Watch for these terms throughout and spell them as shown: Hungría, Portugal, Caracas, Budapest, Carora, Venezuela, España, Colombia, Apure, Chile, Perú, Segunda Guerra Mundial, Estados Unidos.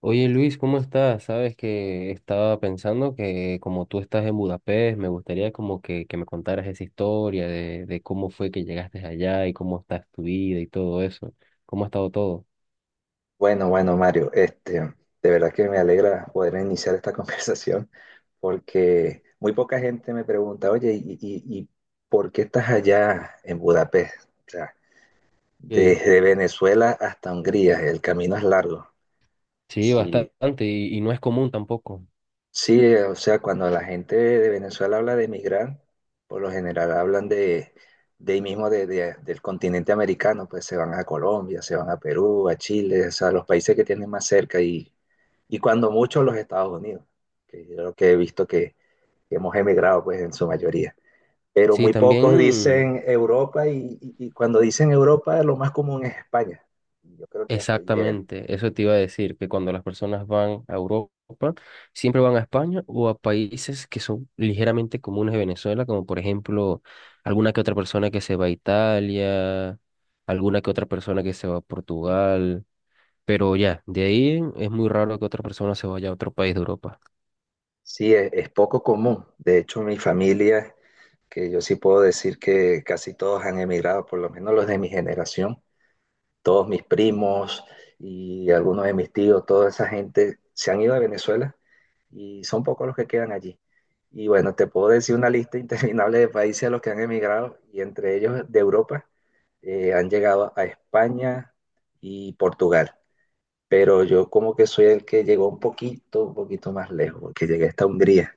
Oye Luis, ¿cómo estás? Sabes que estaba pensando que como tú estás en Budapest, me gustaría como que, me contaras esa historia de cómo fue que llegaste allá y cómo está tu vida y todo eso. ¿Cómo ha estado todo? Bueno, bueno, Mario, de verdad que me alegra poder iniciar esta conversación porque muy poca gente me pregunta, oye, ¿y por qué estás allá en Budapest? O sea, Ok. desde Venezuela hasta Hungría, el camino es largo. Sí, Sí, bastante y no es común tampoco. sí, o sea, cuando la gente de Venezuela habla de emigrar, por lo general hablan de ahí mismo del continente americano, pues se van a Colombia, se van a Perú, a Chile, o sea, los países que tienen más cerca y, cuando mucho los Estados Unidos, que yo lo que he visto que hemos emigrado, pues en su mayoría. Pero Sí, muy pocos también. dicen Europa y cuando dicen Europa lo más común es España. Y yo creo que hasta ahí llega. Exactamente, eso te iba a decir, que cuando las personas van a Europa, siempre van a España o a países que son ligeramente comunes de Venezuela, como por ejemplo alguna que otra persona que se va a Italia, alguna que otra persona que se va a Portugal, pero ya, de ahí es muy raro que otra persona se vaya a otro país de Europa. Sí, es poco común. De hecho, mi familia, que yo sí puedo decir que casi todos han emigrado, por lo menos los de mi generación, todos mis primos y algunos de mis tíos, toda esa gente se han ido de Venezuela y son pocos los que quedan allí. Y bueno, te puedo decir una lista interminable de países a los que han emigrado y entre ellos de Europa han llegado a España y Portugal. Pero yo como que soy el que llegó un poquito más lejos, porque llegué hasta Hungría.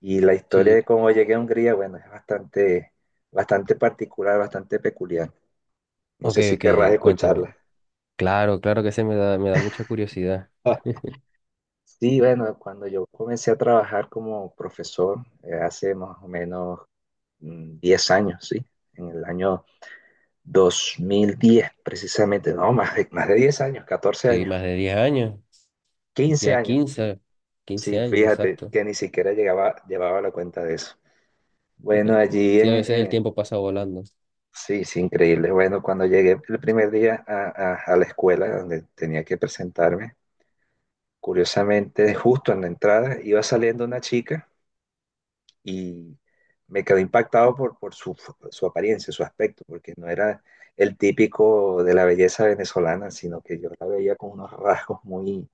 Y la historia Sí. de cómo llegué a Hungría, bueno, es bastante, bastante particular, bastante peculiar. No Ok, sé si ok, querrás cuéntame. escucharla. Claro, claro que se me da mucha curiosidad. Sí, bueno, cuando yo comencé a trabajar como profesor, hace más o menos 10 años, ¿sí? En el año 2010 precisamente, no, más de, 10 años, 14 Sí, años, más de 10 años, 15 ya años. 15, 15 Sí, años, fíjate exacto. que ni siquiera llevaba la cuenta de eso. Bueno, allí Sí, a veces el en- tiempo pasa volando. Sí, sí, increíble. Bueno, cuando llegué el primer día a la escuela donde tenía que presentarme, curiosamente, justo en la entrada iba saliendo una chica y me quedé impactado por su apariencia, su aspecto, porque no era el típico de la belleza venezolana, sino que yo la veía con unos rasgos muy,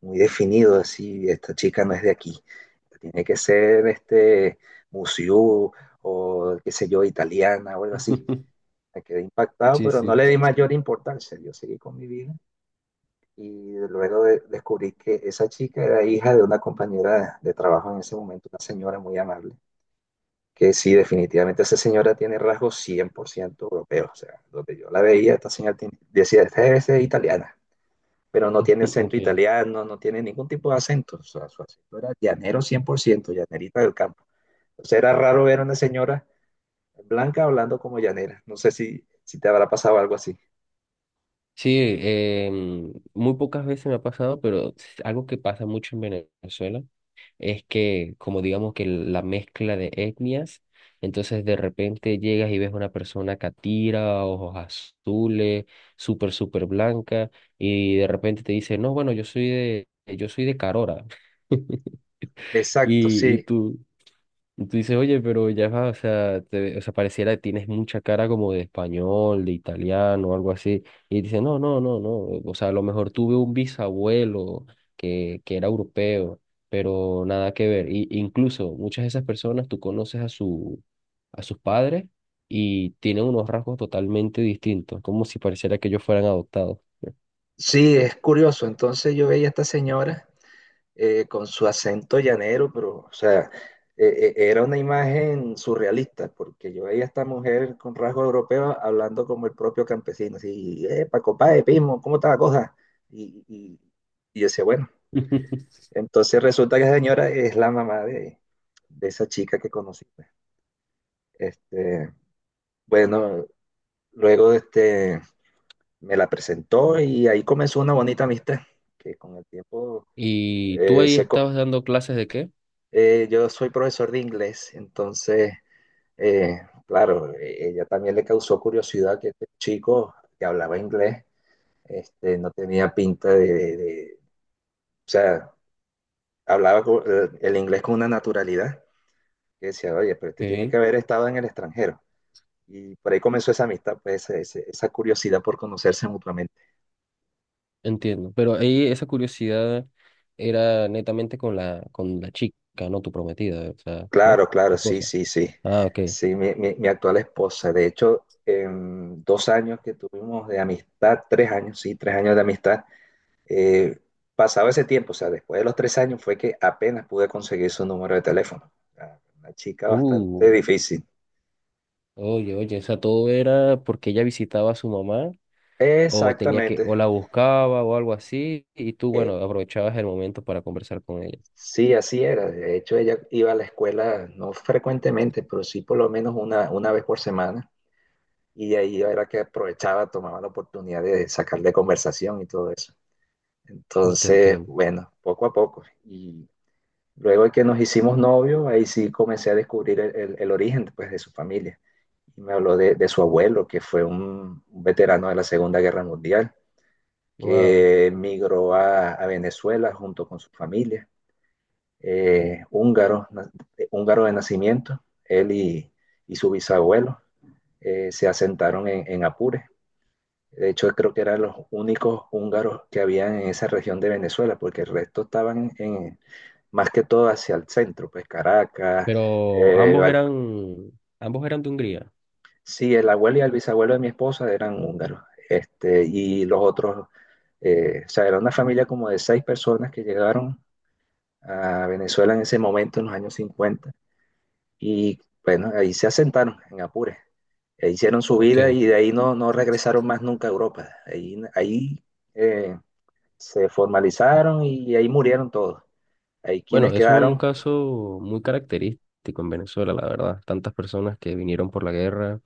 muy definidos, así, esta chica no es de aquí, tiene que ser este museo o qué sé yo, italiana o algo así. Me quedé impactado, Sí, pero no sí, le di mayor importancia. Yo seguí con mi vida y descubrí que esa chica era hija de una compañera de trabajo en ese momento, una señora muy amable, que sí, definitivamente esa señora tiene rasgos 100% europeos. O sea, donde yo la veía, esta señora decía, esta es italiana, pero no tiene acento ok. italiano, no tiene ningún tipo de acento. O sea, su acento era llanero 100% llanerita del campo. Entonces era raro ver a una señora blanca hablando como llanera. No sé si te habrá pasado algo así. Sí, muy pocas veces me ha pasado, pero algo que pasa mucho en Venezuela es que, como digamos que la mezcla de etnias, entonces de repente llegas y ves una persona catira, ojos azules, súper, súper blanca, y de repente te dice, no, bueno, yo soy de Carora. Exacto, Y, y sí. tú, y tú dices, oye, pero ya va, o sea, te- o sea, pareciera que tienes mucha cara como de español, de italiano, algo así. Y dice, no, no, no, no. O sea, a lo mejor tuve un bisabuelo que era europeo, pero nada que ver. Y, incluso muchas de esas personas tú conoces a su, a sus padres y tienen unos rasgos totalmente distintos, como si pareciera que ellos fueran adoptados. Sí, es curioso. Entonces yo veía a esta señora con su acento llanero, pero, o sea, era una imagen surrealista, porque yo veía a esta mujer con rasgos europeos hablando como el propio campesino, así, Paco Páez, Pismo, ¿cómo está la cosa? Y, y, y yo decía, bueno, entonces resulta que esa señora es la mamá de esa chica que conocí, pues. Este, bueno, luego me la presentó y ahí comenzó una bonita amistad, que con el tiempo ¿Y tú eh, ahí se co- estabas dando clases de qué? Yo soy profesor de inglés, entonces, eh, claro, ella también le causó curiosidad que este chico que hablaba inglés, no tenía pinta o sea, el inglés con una naturalidad, que decía, oye, pero este tiene que Ok, haber estado en el extranjero. Y por ahí comenzó esa amistad, pues, esa curiosidad por conocerse mutuamente. entiendo. Pero ahí esa curiosidad era netamente con la chica, no tu prometida, o sea, ¿no? Claro, claro, Tu sí, esposa. sí, sí. Ah, ok. Sí, mi actual esposa. De hecho, en 2 años que tuvimos de amistad, 3 años, sí, tres años de amistad, eh, pasaba ese tiempo, o sea, después de los 3 años fue que apenas pude conseguir su número de teléfono. Ah, una chica bastante Uh, difícil. oye, oye, o sea, todo era porque ella visitaba a su mamá o tenía que, o Exactamente. la buscaba o algo así, y tú, bueno, Eh, aprovechabas el momento para conversar con ella. sí, así era. De hecho, ella iba a la escuela no frecuentemente, pero sí por lo menos una vez por semana. Y de ahí era que aprovechaba, tomaba la oportunidad de sacarle conversación y todo eso. Mm, te Entonces, entiendo. bueno, poco a poco. Y luego de que nos hicimos novios, ahí sí comencé a descubrir el origen pues, de su familia. Y me habló de su abuelo, que fue un veterano de la Segunda Guerra Mundial, Wow. que migró a Venezuela junto con su familia, eh, húngaro, na- húngaro de nacimiento, él y su bisabuelo se asentaron en Apure. De hecho, creo que eran los únicos húngaros que habían en esa región de Venezuela, porque el resto estaban más que todo hacia el centro, pues Caracas. Pero eh, Val- ambos eran de Hungría. sí, el abuelo y el bisabuelo de mi esposa eran húngaros, y los otros, o sea, era una familia como de seis personas que llegaron a Venezuela en ese momento, en los años 50 y bueno, ahí se asentaron en Apure, e hicieron su vida Ok. y de ahí no, no regresaron más nunca a Europa, ahí eh, se formalizaron y ahí murieron todos, ahí Bueno, quienes eso es un quedaron. caso muy característico en Venezuela, la verdad. Tantas personas que vinieron por la guerra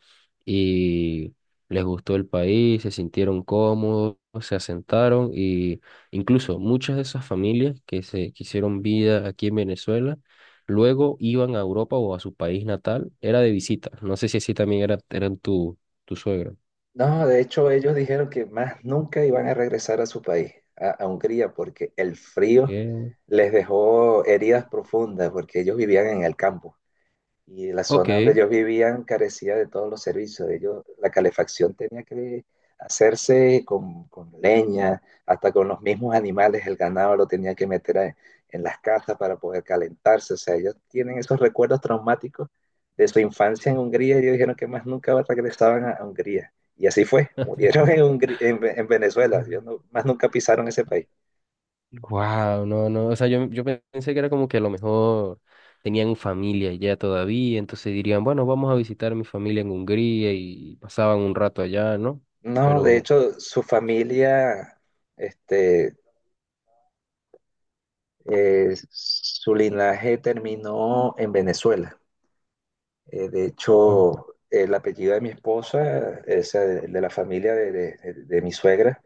y les gustó el país, se sintieron cómodos, se asentaron y incluso muchas de esas familias que se que hicieron vida aquí en Venezuela, luego iban a Europa o a su país natal, era de visita. No sé si así también era, eran tu, tu suegro. No, de hecho ellos dijeron que más nunca iban a regresar a su país, a Hungría, porque el frío Eh, les dejó heridas profundas, porque ellos vivían en el campo. Y la zona donde ok. ellos vivían carecía de todos los servicios. Ellos, la calefacción tenía que hacerse con leña, hasta con los mismos animales, el ganado lo tenía que meter en las casas para poder calentarse. O sea, ellos tienen esos recuerdos traumáticos de su infancia en Hungría y ellos dijeron que más nunca regresaban a Hungría. Y así fue, murieron en Venezuela, ellos no- más nunca pisaron ese país. Wow, no, no, o sea, yo pensé que era como que a lo mejor tenían familia ya todavía, entonces dirían, bueno, vamos a visitar a mi familia en Hungría y pasaban un rato allá, ¿no? No, de Pero hecho, su familia, este, su linaje terminó en Venezuela. De hecho, el apellido de mi esposa, es el de la familia de mi suegra,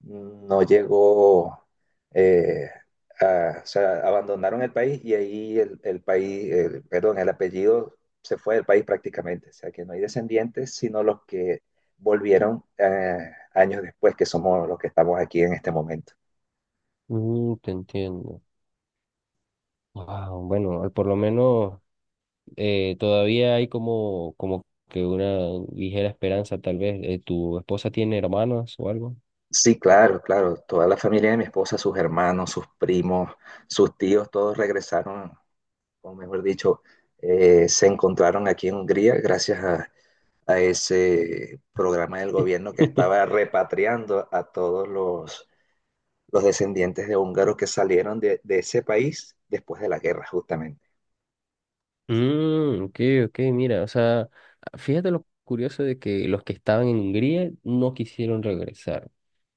no llegó, eh, o sea, abandonaron el país y ahí el país, el- perdón, el apellido se fue del país prácticamente. O sea, que no hay descendientes, sino los que volvieron años después, que somos los que estamos aquí en este momento. mm, te entiendo. Wow, bueno, al- por lo menos todavía hay como, como que una ligera esperanza, tal vez. ¿Tu esposa tiene hermanos o algo? Sí, claro, claro. Toda la familia de mi esposa, sus hermanos, sus primos, sus tíos, todos regresaron, o mejor dicho, se encontraron aquí en Hungría gracias a ese programa del gobierno que estaba repatriando a todos los descendientes de húngaros que salieron de ese país después de la guerra, justamente. Mm, ok, ok, mira, o sea, fíjate lo curioso de que los que estaban en Hungría no quisieron regresar,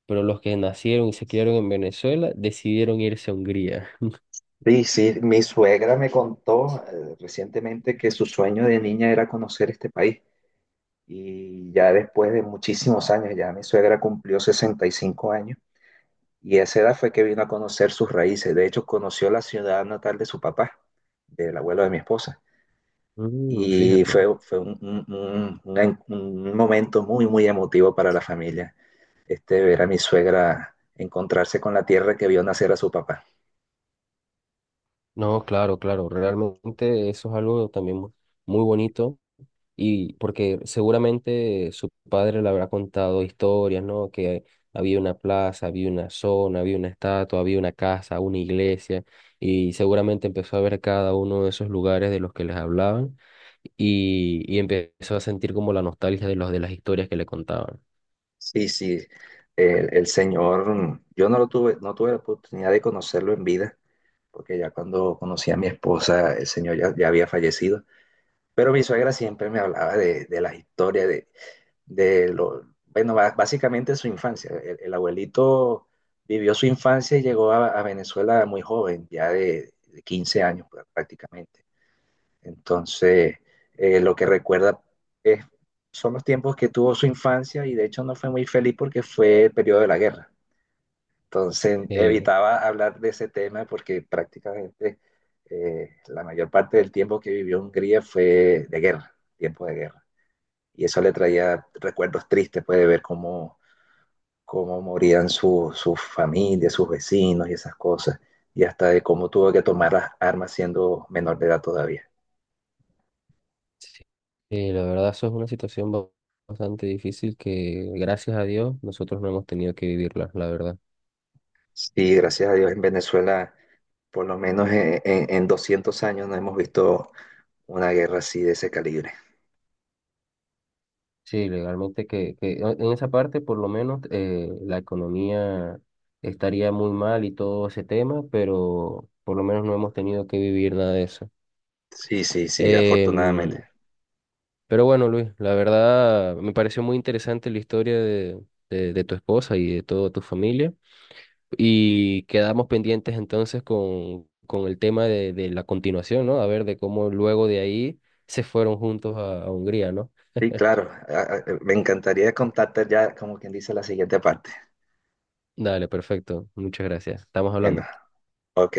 pero los que nacieron y se criaron en Venezuela decidieron irse a Hungría. Sí, sí, mi suegra me contó recientemente que su sueño de niña era conocer este país. Y ya después de muchísimos años, ya mi suegra cumplió 65 años y a esa edad fue que vino a conocer sus raíces. De hecho, conoció la ciudad natal de su papá, del abuelo de mi esposa. Mm, Y fue, fíjate. fue un momento muy, muy emotivo para la familia, ver a mi suegra encontrarse con la tierra que vio nacer a su papá. No, claro, claro, realmente eso es algo también mu- muy bonito. Y porque seguramente su padre le habrá contado historias, ¿no? Que había una plaza, había una zona, había una estatua, había una casa, una iglesia, y seguramente empezó a ver cada uno de esos lugares de los que les hablaban y empezó a sentir como la nostalgia de los de las historias que le contaban. Sí, sí, el señor, yo no tuve la oportunidad de conocerlo en vida porque ya cuando conocí a mi esposa, el señor ya había fallecido. Pero mi suegra siempre me hablaba de las historias, de bueno, básicamente su infancia. El abuelito vivió su infancia y llegó a Venezuela muy joven, ya de 15 años pues, prácticamente. Entonces, lo que recuerda es, son los tiempos que tuvo su infancia y de hecho no fue muy feliz porque fue el periodo de la guerra. Entonces Eh, evitaba hablar de ese tema porque prácticamente la mayor parte del tiempo que vivió Hungría fue de guerra, tiempo de guerra. Y eso le traía recuerdos tristes, puede ver cómo morían sus familias, sus vecinos y esas cosas, y hasta de cómo tuvo que tomar las armas siendo menor de edad todavía. sí, la verdad eso es una situación ba- bastante difícil que gracias a Dios nosotros no hemos tenido que vivirla, la verdad. Sí, gracias a Dios en Venezuela, por lo menos en 200 años no hemos visto una guerra así de ese calibre. Sí, legalmente que en esa parte por lo menos la economía estaría muy mal y todo ese tema, pero por lo menos no hemos tenido que vivir nada de eso. Sí, sí, sí, Em, afortunadamente. pero bueno, Luis, la verdad me pareció muy interesante la historia de tu esposa y de toda tu familia y quedamos pendientes entonces con el tema de la continuación, ¿no? A ver de cómo luego de ahí se fueron juntos a Hungría, ¿no? Sí, claro. Ah, ah, me encantaría contarte ya, como quien dice, la siguiente parte. Dale, perfecto. Muchas gracias. Estamos Bueno, hablando. ok.